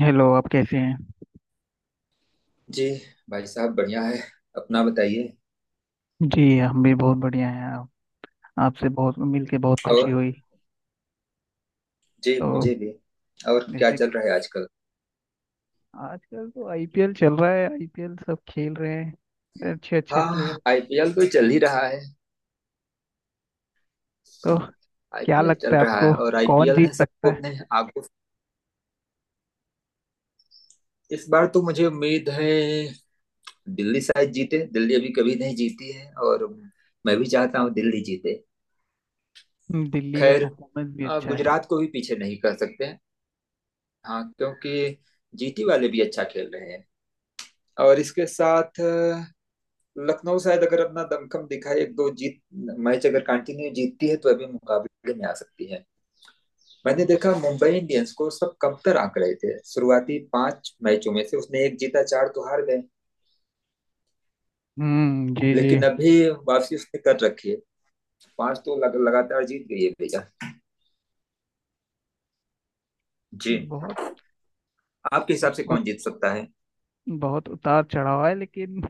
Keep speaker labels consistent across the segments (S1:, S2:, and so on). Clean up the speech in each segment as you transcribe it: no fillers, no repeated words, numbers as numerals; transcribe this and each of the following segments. S1: Hello आप कैसे हैं।
S2: जी भाई साहब बढ़िया है। अपना बताइए।
S1: जी हम भी बहुत बढ़िया हैं। आप आपसे बहुत मिलके बहुत खुशी
S2: और
S1: हुई।
S2: जी
S1: तो
S2: मुझे भी। और क्या
S1: जैसे
S2: चल रहा है आजकल?
S1: आजकल तो आईपीएल चल रहा है। आईपीएल सब खेल रहे हैं अच्छे अच्छे
S2: हाँ
S1: प्लेयर।
S2: आईपीएल तो चल ही रहा है।
S1: तो क्या
S2: आईपीएल
S1: लगता
S2: चल
S1: है
S2: रहा है
S1: आपको,
S2: और
S1: कौन
S2: आईपीएल
S1: जीत
S2: ने
S1: सकता
S2: सबको
S1: है?
S2: अपने आगो। इस बार तो मुझे उम्मीद है दिल्ली शायद जीते। दिल्ली अभी कभी नहीं जीती है और मैं भी चाहता हूँ दिल्ली जीते।
S1: दिल्ली का
S2: खैर,
S1: परफॉर्मेंस भी अच्छा है।
S2: गुजरात को भी पीछे नहीं कर सकते। हाँ क्योंकि जीटी वाले भी अच्छा खेल रहे हैं। और इसके साथ लखनऊ शायद अगर अपना दमखम दिखाए, एक दो जीत मैच अगर कंटिन्यू जीतती है तो अभी मुकाबले में आ सकती है। मैंने देखा मुंबई इंडियंस को सब कमतर आंक रहे थे। शुरुआती 5 मैचों में से उसने एक जीता, चार तो हार गए।
S1: हम्म, जी जी।
S2: लेकिन अभी वापसी उसने कर रखी है। पांच तो लगातार जीत गई है भैया। जी,
S1: बहुत
S2: आपके हिसाब से
S1: उत,
S2: कौन जीत सकता है?
S1: बहुत उतार चढ़ाव है, लेकिन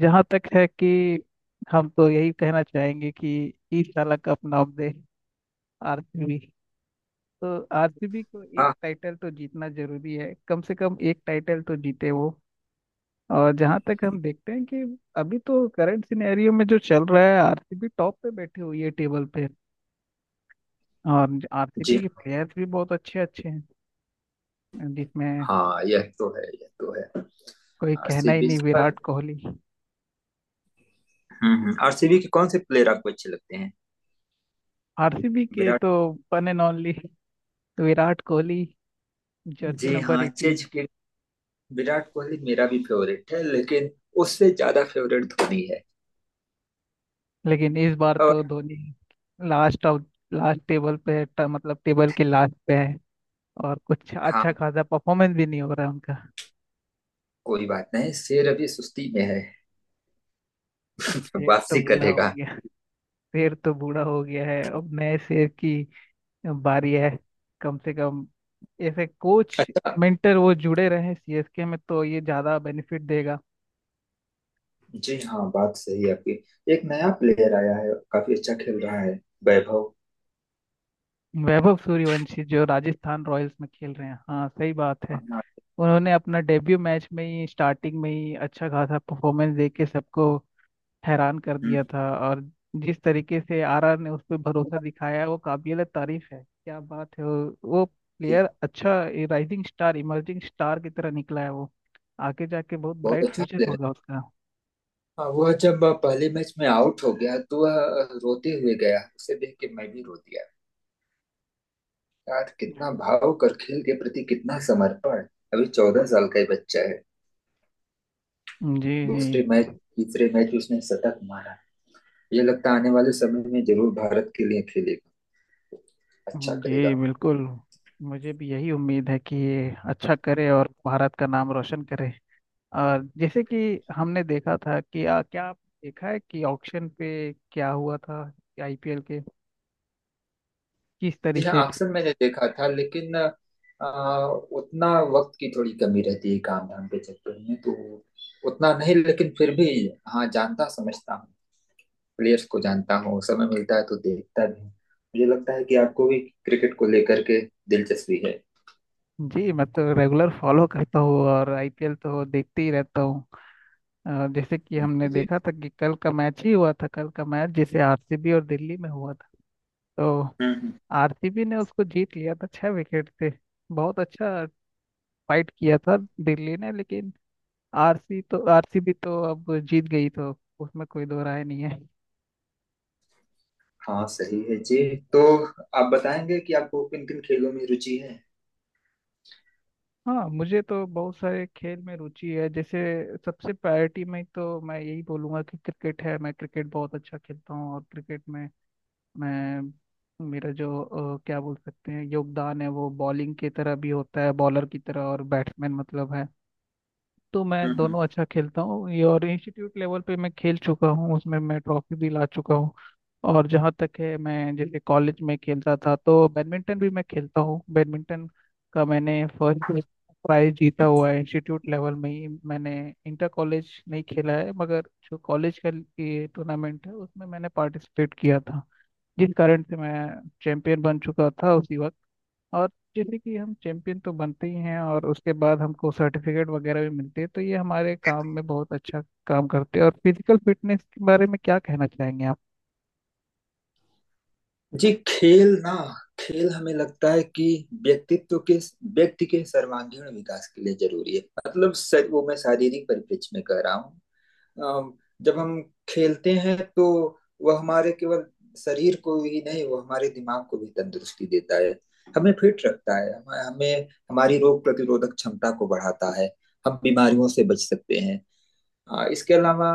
S1: जहाँ तक है कि हम तो यही कहना चाहेंगे कि इस साल का अपना अपडेट आरसीबी। तो आरसीबी को एक
S2: हाँ।
S1: टाइटल तो जीतना जरूरी है, कम से कम एक टाइटल तो जीते वो। और जहां तक हम देखते हैं कि अभी तो करंट सिनेरियो में जो चल रहा है, आरसीबी टॉप पे बैठी हुई है टेबल पे। और
S2: जी
S1: आरसीबी के प्लेयर्स भी बहुत अच्छे अच्छे हैं, जिसमें
S2: हाँ, यह तो है यह तो है।
S1: कोई कहना ही
S2: आरसीबी
S1: नहीं,
S2: पर।
S1: विराट कोहली।
S2: हम्म, आरसीबी के कौन से प्लेयर आपको अच्छे लगते हैं?
S1: आरसीबी के
S2: विराट।
S1: तो one and only Virat Kohli, jersey
S2: जी
S1: नंबर
S2: हाँ
S1: 18।
S2: चेज के। विराट कोहली मेरा भी फेवरेट है लेकिन उससे ज्यादा फेवरेट धोनी है।
S1: लेकिन इस बार
S2: और
S1: तो Dhoni last of last table पे है, मतलब टेबल के लास्ट पे है। और कुछ अच्छा
S2: हाँ,
S1: खासा परफॉर्मेंस भी नहीं हो रहा है उनका।
S2: कोई बात नहीं, शेर अभी सुस्ती में है।
S1: शेर तो
S2: वापसी
S1: बूढ़ा हो
S2: करेगा।
S1: गया। शेर तो बूढ़ा हो गया है, अब नए शेर की बारी है। कम से कम ऐसे कोच
S2: अच्छा।
S1: मेंटर वो जुड़े रहे सीएसके में तो ये ज्यादा बेनिफिट देगा।
S2: जी हाँ बात सही है आपकी। एक नया प्लेयर आया है, काफी अच्छा खेल रहा है। वैभव।
S1: वैभव सूर्यवंशी जो राजस्थान रॉयल्स में खेल रहे हैं, हाँ सही बात है।
S2: हाँ।
S1: उन्होंने अपना डेब्यू मैच में ही स्टार्टिंग में ही अच्छा खासा परफॉर्मेंस दे के सबको हैरान कर दिया
S2: हम्म।
S1: था। और जिस तरीके से आरआर ने उस पर भरोसा दिखाया वो काबिल तारीफ है। क्या बात है, वो
S2: जी हाँ।
S1: प्लेयर अच्छा राइजिंग स्टार इमर्जिंग स्टार की तरह निकला है। वो आगे जाके बहुत
S2: बहुत
S1: ब्राइट
S2: अच्छा
S1: फ्यूचर
S2: प्लेयर है।
S1: होगा उसका।
S2: हाँ, वह जब पहले मैच में आउट हो गया तो वह रोते हुए गया। उसे देख के मैं भी रो दिया। यार कितना भाव कर, खेल के प्रति कितना समर्पण। अभी 14 साल का ही बच्चा है।
S1: जी जी।
S2: दूसरे मैच, तीसरे मैच में उसने शतक मारा। ये लगता है आने वाले समय में जरूर भारत के लिए खेलेगा, अच्छा
S1: जी
S2: करेगा।
S1: बिल्कुल, मुझे भी यही उम्मीद है कि ये अच्छा करे और भारत का नाम रोशन करे। और जैसे कि हमने देखा था कि क्या आप देखा है कि ऑक्शन पे क्या हुआ था आईपीएल के किस
S2: जी
S1: तरीके से।
S2: हाँ, अक्सर मैंने देखा था लेकिन उतना वक्त की थोड़ी कमी रहती है काम धाम के चक्कर में, तो उतना नहीं लेकिन फिर भी हाँ, जानता समझता हूँ, प्लेयर्स को जानता हूँ। समय मिलता है तो देखता भी हूँ। मुझे लगता है कि आपको भी क्रिकेट को लेकर के दिलचस्पी है।
S1: जी मैं तो रेगुलर फॉलो करता हूँ और आईपीएल तो देखते ही रहता हूँ। जैसे कि हमने
S2: जी।
S1: देखा था कि कल का मैच ही हुआ था, कल का मैच जिसे आरसीबी और दिल्ली में हुआ था। तो
S2: हम्म हम्म।
S1: आरसीबी ने उसको जीत लिया था छह विकेट से। बहुत अच्छा फाइट किया था दिल्ली ने, लेकिन आरसीबी तो अब जीत गई, तो उसमें कोई दो राय नहीं है।
S2: हाँ सही है जी। तो आप बताएंगे कि आपको किन किन खेलों में रुचि है?
S1: हाँ, मुझे तो बहुत सारे खेल में रुचि है। जैसे सबसे प्रायोरिटी में तो मैं यही बोलूँगा कि क्रिकेट है। मैं क्रिकेट बहुत अच्छा खेलता हूँ, और क्रिकेट में मैं मेरा जो क्या बोल सकते हैं योगदान है वो बॉलिंग की तरह भी होता है, बॉलर की तरह, और बैट्समैन मतलब है। तो
S2: हम्म
S1: मैं
S2: हम्म।
S1: दोनों अच्छा खेलता हूँ ये, और इंस्टीट्यूट लेवल पे मैं खेल चुका हूँ, उसमें मैं ट्रॉफी भी ला चुका हूँ। और जहाँ तक है मैं जैसे कॉलेज में खेलता था, तो बैडमिंटन भी मैं खेलता हूँ। बैडमिंटन का मैंने फर्स्ट प्राइज जीता हुआ है इंस्टीट्यूट लेवल में ही। मैंने इंटर कॉलेज नहीं खेला है, मगर जो कॉलेज का ये टूर्नामेंट है उसमें मैंने पार्टिसिपेट किया था, जिस कारण से मैं चैंपियन बन चुका था उसी वक्त। और जैसे कि हम चैंपियन तो बनते ही हैं, और उसके बाद हमको सर्टिफिकेट वगैरह भी मिलते हैं, तो ये हमारे काम में बहुत अच्छा काम करते हैं। और फिजिकल फिटनेस के बारे में क्या कहना चाहेंगे आप?
S2: जी, खेल ना, खेल हमें लगता है कि व्यक्तित्व के व्यक्ति के सर्वांगीण विकास के लिए जरूरी है। मतलब वो मैं शारीरिक परिप्रेक्ष्य में कह रहा हूँ। अम, जब हम खेलते हैं तो वह हमारे केवल शरीर को ही नहीं, वह हमारे दिमाग को भी तंदुरुस्ती देता है। हमें फिट रखता है, हमें हमें- हमारी रोग प्रतिरोधक क्षमता को बढ़ाता है। हम बीमारियों से बच सकते हैं। हाँ, इसके अलावा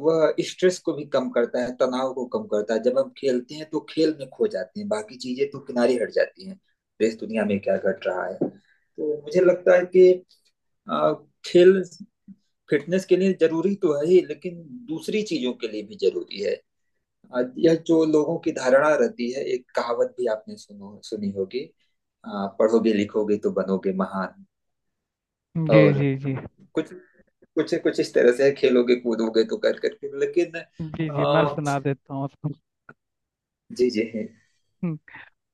S2: वह स्ट्रेस को भी कम करता है, तनाव को कम करता है। जब हम खेलते हैं तो खेल में खो जाते हैं, बाकी चीजें तो किनारे हट जाती हैं। देश दुनिया में क्या घट रहा है, तो मुझे लगता है कि अ, खेल फिटनेस के लिए जरूरी तो है ही लेकिन दूसरी चीजों के लिए भी जरूरी है। यह जो लोगों की धारणा रहती है, एक कहावत भी आपने सुनो सुनी होगी, पढ़ोगे लिखोगे तो बनोगे महान,
S1: जी
S2: और
S1: जी जी।
S2: कुछ कुछ कुछ इस तरह से है, खेलोगे कूदोगे तो कर करके, लेकिन
S1: जी जी, मैं सुना देता हूँ उसको।
S2: जी जी है।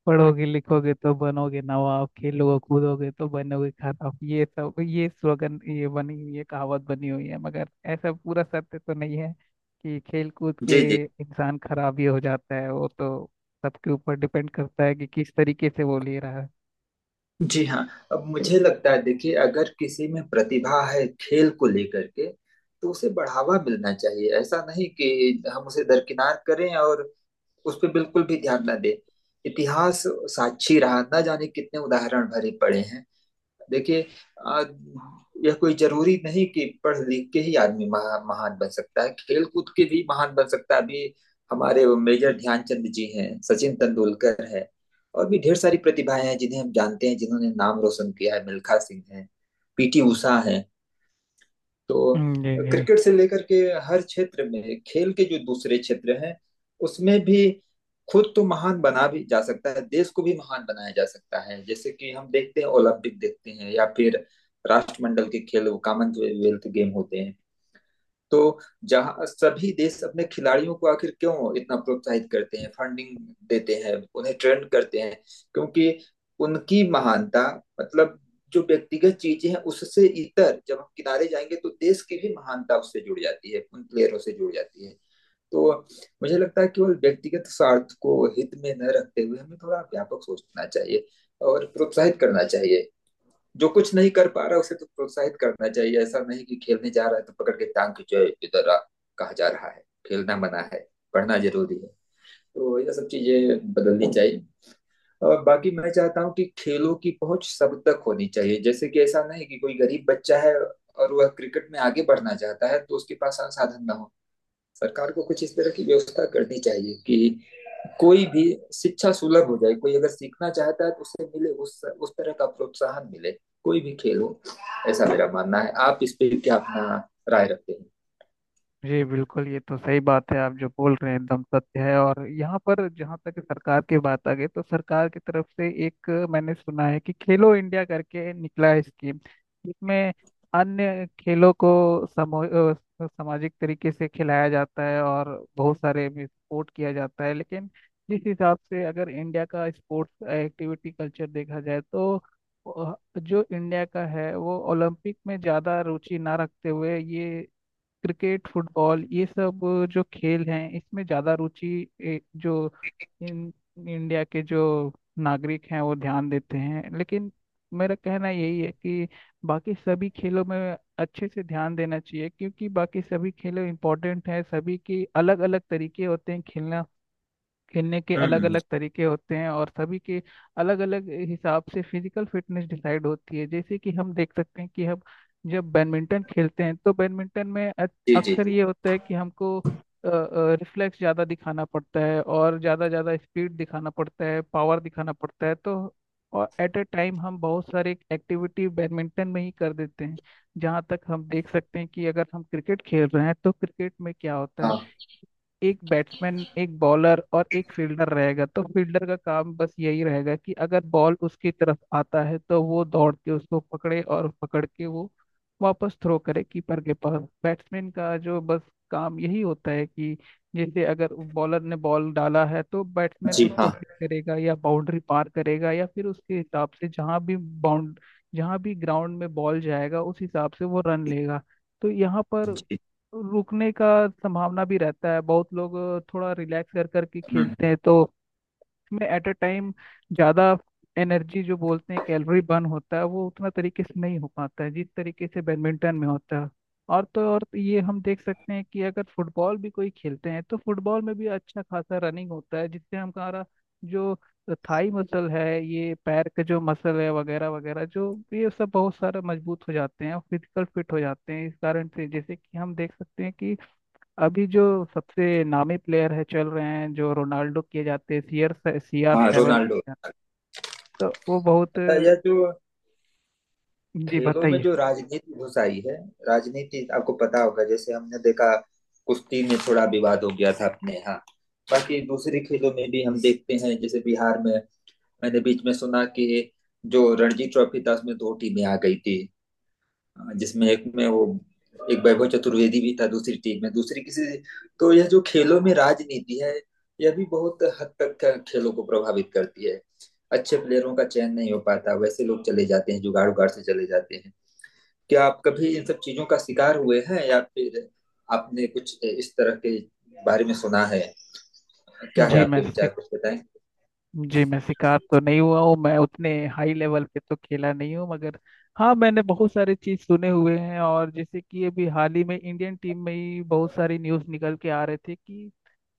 S1: पढ़ोगे लिखोगे तो बनोगे नवाब, खेलोगे कूदोगे तो बनोगे खराब। ये सब, ये स्लोगन ये बनी हुई है, कहावत बनी हुई है, मगर ऐसा पूरा सत्य तो नहीं है कि खेल कूद के
S2: जी जी
S1: इंसान खराब ही हो जाता है। वो तो सबके ऊपर डिपेंड करता है कि किस तरीके से वो ले रहा है।
S2: जी हाँ। अब मुझे लगता है देखिए, अगर किसी में प्रतिभा है खेल को लेकर के तो उसे बढ़ावा मिलना चाहिए। ऐसा नहीं कि हम उसे दरकिनार करें और उस पर बिल्कुल भी ध्यान ना दें। इतिहास साक्षी रहा, ना जाने कितने उदाहरण भरे पड़े हैं। देखिए, आ, यह कोई जरूरी नहीं कि पढ़ लिख के ही आदमी महान बन सकता है, खेल कूद के भी महान बन सकता है। अभी हमारे वो मेजर ध्यानचंद जी हैं, सचिन तेंदुलकर है, और भी ढेर सारी प्रतिभाएं हैं जिन्हें हम जानते हैं जिन्होंने नाम रोशन किया है। मिल्खा सिंह है, पीटी उषा है। तो
S1: जी जी।
S2: क्रिकेट से लेकर के हर क्षेत्र में, खेल के जो दूसरे क्षेत्र हैं उसमें भी खुद तो महान बना भी जा सकता है, देश को भी महान बनाया जा सकता है। जैसे कि हम देखते हैं, ओलंपिक देखते हैं, या फिर राष्ट्रमंडल के खेल कॉमनवेल्थ गेम होते हैं। तो जहाँ सभी देश अपने खिलाड़ियों को आखिर क्यों इतना प्रोत्साहित करते हैं, फंडिंग देते हैं, उन्हें ट्रेंड करते हैं, क्योंकि उनकी महानता, मतलब, जो व्यक्तिगत चीजें हैं उससे इतर जब हम किनारे जाएंगे तो देश की भी महानता उससे जुड़ जाती है, उन प्लेयरों से जुड़ जाती है। तो मुझे लगता है केवल व्यक्तिगत स्वार्थ को हित में न रखते हुए हमें थोड़ा व्यापक सोचना चाहिए और प्रोत्साहित करना चाहिए। जो कुछ नहीं कर पा रहा उसे तो प्रोत्साहित करना चाहिए। ऐसा नहीं कि खेलने जा रहा है तो पकड़ के टांग खींचो इधर, कहा जा रहा है खेलना मना है, पढ़ना जरूरी है। तो ये सब चीजें बदलनी चाहिए। और बाकी मैं चाहता हूँ कि खेलों की पहुंच सब तक होनी चाहिए। जैसे कि ऐसा नहीं कि कोई गरीब बच्चा है और वह क्रिकेट में आगे बढ़ना चाहता है तो उसके पास संसाधन ना हो। सरकार को कुछ इस तरह की व्यवस्था करनी चाहिए कि कोई भी शिक्षा सुलभ हो जाए, कोई अगर सीखना चाहता है तो उसे मिले, उस तरह का प्रोत्साहन मिले, कोई भी खेल हो। ऐसा मेरा मानना है, आप इस पे क्या अपना राय रखते हैं?
S1: जी बिल्कुल, ये तो सही बात है आप जो बोल रहे हैं, एकदम सत्य है। और यहाँ पर जहाँ तक सरकार की बात आ गई, तो सरकार की तरफ से एक मैंने सुना है कि खेलो इंडिया करके निकला है स्कीम, जिसमें अन्य खेलों को सामाजिक तरीके से खिलाया जाता है और बहुत सारे भी सपोर्ट किया जाता है। लेकिन जिस हिसाब से अगर इंडिया का स्पोर्ट्स एक्टिविटी कल्चर देखा जाए तो जो इंडिया का है वो ओलंपिक में ज़्यादा रुचि ना रखते हुए ये क्रिकेट फुटबॉल ये सब जो खेल हैं इसमें ज़्यादा रुचि जो इन इंडिया के जो नागरिक हैं वो ध्यान देते हैं। लेकिन मेरा कहना यही है कि बाकी सभी खेलों में अच्छे से ध्यान देना चाहिए, क्योंकि बाकी सभी खेलों इंपॉर्टेंट हैं। सभी के अलग अलग तरीके होते हैं खेलना, खेलने के अलग
S2: हम्म।
S1: अलग तरीके होते हैं, और सभी के अलग अलग हिसाब से फिजिकल फिटनेस डिसाइड होती है। जैसे कि हम देख सकते हैं कि हम जब बैडमिंटन खेलते हैं तो बैडमिंटन में
S2: जी जी।
S1: अक्सर
S2: जी
S1: ये होता है कि हमको रिफ्लेक्स ज़्यादा दिखाना पड़ता है, और ज़्यादा ज़्यादा स्पीड दिखाना पड़ता है, पावर दिखाना पड़ता है। तो और एट ए टाइम हम बहुत सारे एक्टिविटी बैडमिंटन में ही कर देते हैं। जहाँ तक हम देख सकते हैं कि अगर हम क्रिकेट खेल रहे हैं तो क्रिकेट में क्या होता है,
S2: हाँ।
S1: एक बैट्समैन एक बॉलर और एक फील्डर रहेगा। तो फील्डर का काम बस यही रहेगा कि अगर बॉल उसकी तरफ आता है तो वो दौड़ के उसको पकड़े, और पकड़ के वो वापस थ्रो करे कीपर के पास। बैट्समैन का जो बस काम यही होता है कि जैसे अगर बॉलर ने बॉल डाला है तो बैट्समैन
S2: जी
S1: उसको
S2: हाँ।
S1: हिट करेगा या बाउंड्री पार करेगा, या फिर उसके हिसाब से जहाँ भी ग्राउंड में बॉल जाएगा उस हिसाब से वो रन लेगा। तो यहाँ पर
S2: जी
S1: रुकने का संभावना भी रहता है। बहुत लोग थोड़ा रिलैक्स कर करके खेलते हैं, तो इसमें एट अ टाइम ज़्यादा एनर्जी जो बोलते हैं कैलोरी बर्न होता है वो उतना तरीके से नहीं हो पाता है जिस तरीके से बैडमिंटन में होता है। और तो और ये हम देख सकते हैं कि अगर फुटबॉल भी कोई खेलते हैं तो फुटबॉल में भी अच्छा खासा रनिंग होता है, जिससे हमारा जो थाई मसल है, ये पैर के जो मसल है वगैरह वगैरह, जो ये सब बहुत सारा मजबूत हो जाते हैं और फिजिकल फिट हो जाते हैं। इस कारण से जैसे कि हम देख सकते हैं कि अभी जो सबसे नामी प्लेयर है चल रहे हैं जो रोनाल्डो किए जाते हैं, सी आर
S2: हाँ
S1: सेवन,
S2: रोनाल्डो।
S1: तो वो बहुत।
S2: अच्छा, यह जो
S1: जी
S2: खेलों में
S1: बताइए।
S2: जो राजनीति घुस आई है, राजनीति आपको पता होगा, जैसे हमने देखा कुश्ती में थोड़ा विवाद हो गया था अपने यहाँ। बाकी दूसरे खेलों में भी हम देखते हैं, जैसे बिहार में मैंने बीच में सुना कि जो रणजी ट्रॉफी था उसमें 2 टीमें आ गई थी। जिसमें एक में वो एक वैभव चतुर्वेदी भी था, दूसरी टीम में दूसरी किसी। तो यह जो खेलों में राजनीति है, यह भी बहुत हद तक खेलों को प्रभावित करती है। अच्छे प्लेयरों का चयन नहीं हो पाता, वैसे लोग चले जाते हैं जुगाड़ उगाड़ से चले जाते हैं। क्या आप कभी इन सब चीजों का शिकार हुए हैं, या फिर आपने कुछ इस तरह के बारे में सुना है? क्या है
S1: जी मैं
S2: आपके विचार,
S1: शिक,
S2: कुछ बताएं।
S1: जी मैं शिकार तो नहीं हुआ हूँ। मैं उतने हाई लेवल पे तो खेला नहीं हूँ, मगर हाँ मैंने बहुत सारी चीज सुने हुए हैं। और जैसे कि अभी हाल ही में इंडियन टीम में ही बहुत सारी न्यूज निकल के आ रही थी कि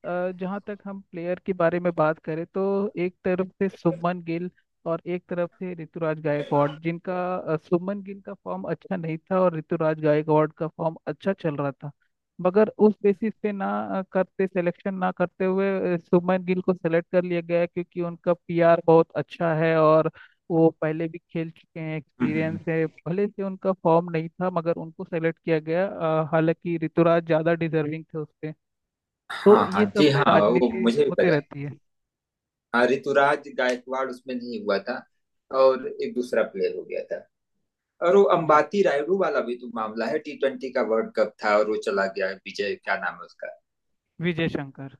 S1: जहाँ तक हम प्लेयर के बारे में बात करें तो एक तरफ से शुभमन गिल और एक तरफ से ऋतुराज गायकवाड़, जिनका शुभमन गिल का फॉर्म अच्छा नहीं था और ऋतुराज गायकवाड़ का फॉर्म अच्छा चल रहा था, मगर उस बेसिस पे ना अ, करते सिलेक्शन ना करते हुए शुभमन गिल को सेलेक्ट कर लिया गया है, क्योंकि उनका पीआर बहुत अच्छा है और वो पहले भी खेल चुके हैं,
S2: हम्म, हम्म, हम्म।
S1: एक्सपीरियंस है, भले से उनका फॉर्म नहीं था मगर उनको सेलेक्ट किया गया। हालांकि ऋतुराज ज़्यादा डिजर्विंग थे उससे। तो
S2: हाँ हाँ
S1: ये
S2: जी
S1: सब में
S2: हाँ वो
S1: राजनीति
S2: मुझे भी
S1: होते
S2: पता है।
S1: रहती है।
S2: हाँ ऋतुराज गायकवाड़ उसमें नहीं हुआ था और एक दूसरा प्लेयर हो गया था। और वो
S1: जी,
S2: अंबाती रायडू वाला भी तो मामला है, T20 का वर्ल्ड कप था और वो चला गया, विजय क्या नाम है उसका?
S1: विजय शंकर।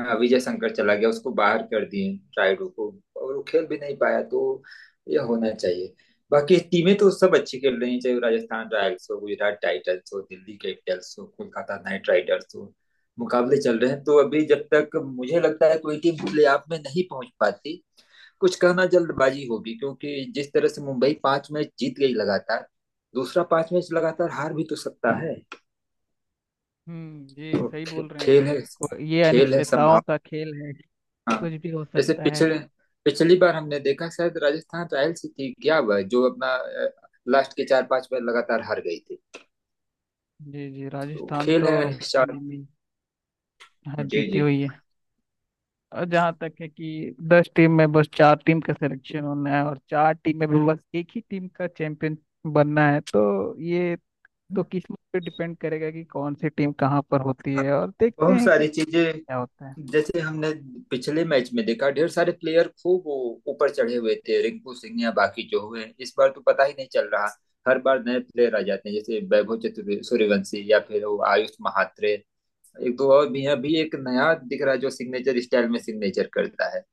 S2: हाँ, विजय शंकर चला गया, उसको बाहर कर दिए, रायडू को, और वो खेल भी नहीं पाया। तो ये होना चाहिए। बाकी टीमें तो सब अच्छी खेल रही हैं, चाहे वो राजस्थान रॉयल्स हो, गुजरात टाइटंस हो, दिल्ली कैपिटल्स हो, कोलकाता नाइट राइडर्स हो। मुकाबले चल रहे हैं, तो अभी जब तक मुझे लगता है कोई टीम प्ले ऑफ में नहीं पहुंच पाती, कुछ कहना जल्दबाजी होगी। क्योंकि जिस तरह से मुंबई 5 मैच जीत गई लगातार, दूसरा 5 मैच लगातार हार भी तो सकता है।
S1: हम्म, जी
S2: तो
S1: सही बोल रहे
S2: खेल
S1: हैं
S2: है,
S1: हम। और ये
S2: खेल है
S1: अनिश्चितताओं
S2: संभावना।
S1: का खेल है, कुछ भी हो
S2: जैसे
S1: सकता है।
S2: पिछले, पिछली बार हमने देखा शायद राजस्थान रॉयल्स ही थी क्या, वह जो अपना लास्ट के चार पांच मैच लगातार हार गई थी।
S1: जी जी,
S2: तो
S1: राजस्थान
S2: खेल है
S1: तो अभी हाल
S2: अनिश्चित।
S1: ही में यहाँ
S2: जी
S1: जीती
S2: जी।
S1: हुई है। और जहाँ तक है कि 10 टीम में बस चार टीम का सिलेक्शन होना है, और चार टीम में भी बस एक ही टीम का चैंपियन बनना है। तो ये तो किस्मत पे डिपेंड करेगा कि कौन सी टीम कहाँ पर होती
S2: हाँ,
S1: है, और देखते
S2: बहुत
S1: हैं कि
S2: सारी चीजें।
S1: क्या होता है।
S2: जैसे हमने पिछले मैच में देखा ढेर सारे प्लेयर खूब वो ऊपर चढ़े हुए थे, रिंकू सिंह या बाकी जो हुए, इस बार तो पता ही नहीं चल रहा। हर बार नए प्लेयर आ जाते हैं, जैसे वैभव चतुर सूर्यवंशी, या फिर वो आयुष महात्रे, एक दो और भी हैं। अभी एक नया दिख रहा है जो सिग्नेचर स्टाइल में सिग्नेचर करता है,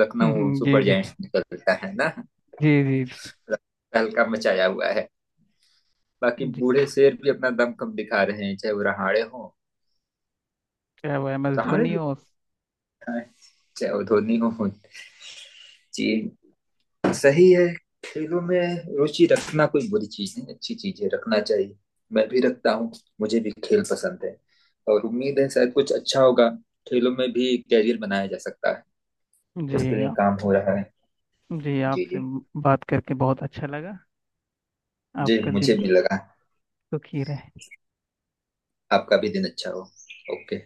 S2: लखनऊ
S1: जी
S2: सुपर
S1: जी।
S2: जायंट्स निकलता है ना,
S1: जी जी।
S2: तहलका मचाया हुआ है। बाकी
S1: जी
S2: बूढ़े शेर भी अपना दम कम दिखा रहे हैं, चाहे वो रहाड़े हो,
S1: क्या हुआ, एम एस
S2: रहाड़े
S1: धोनी
S2: भी
S1: हो।
S2: अच्छा है, चाहे वो धोनी हो। जी सही है। खेलों में रुचि रखना कोई बुरी चीज नहीं, अच्छी चीज है, रखना चाहिए। मैं भी रखता हूँ, मुझे भी खेल पसंद है, और उम्मीद है शायद कुछ अच्छा होगा। खेलों में भी कैरियर बनाया जा सकता है, इसके
S1: जी
S2: लिए
S1: आप,
S2: काम हो रहा है।
S1: जी
S2: जी
S1: आपसे
S2: जी।
S1: बात करके बहुत अच्छा लगा।
S2: जी
S1: आपका दिन
S2: मुझे भी लगा।
S1: सुखी रहे।
S2: आपका भी दिन अच्छा हो। ओके।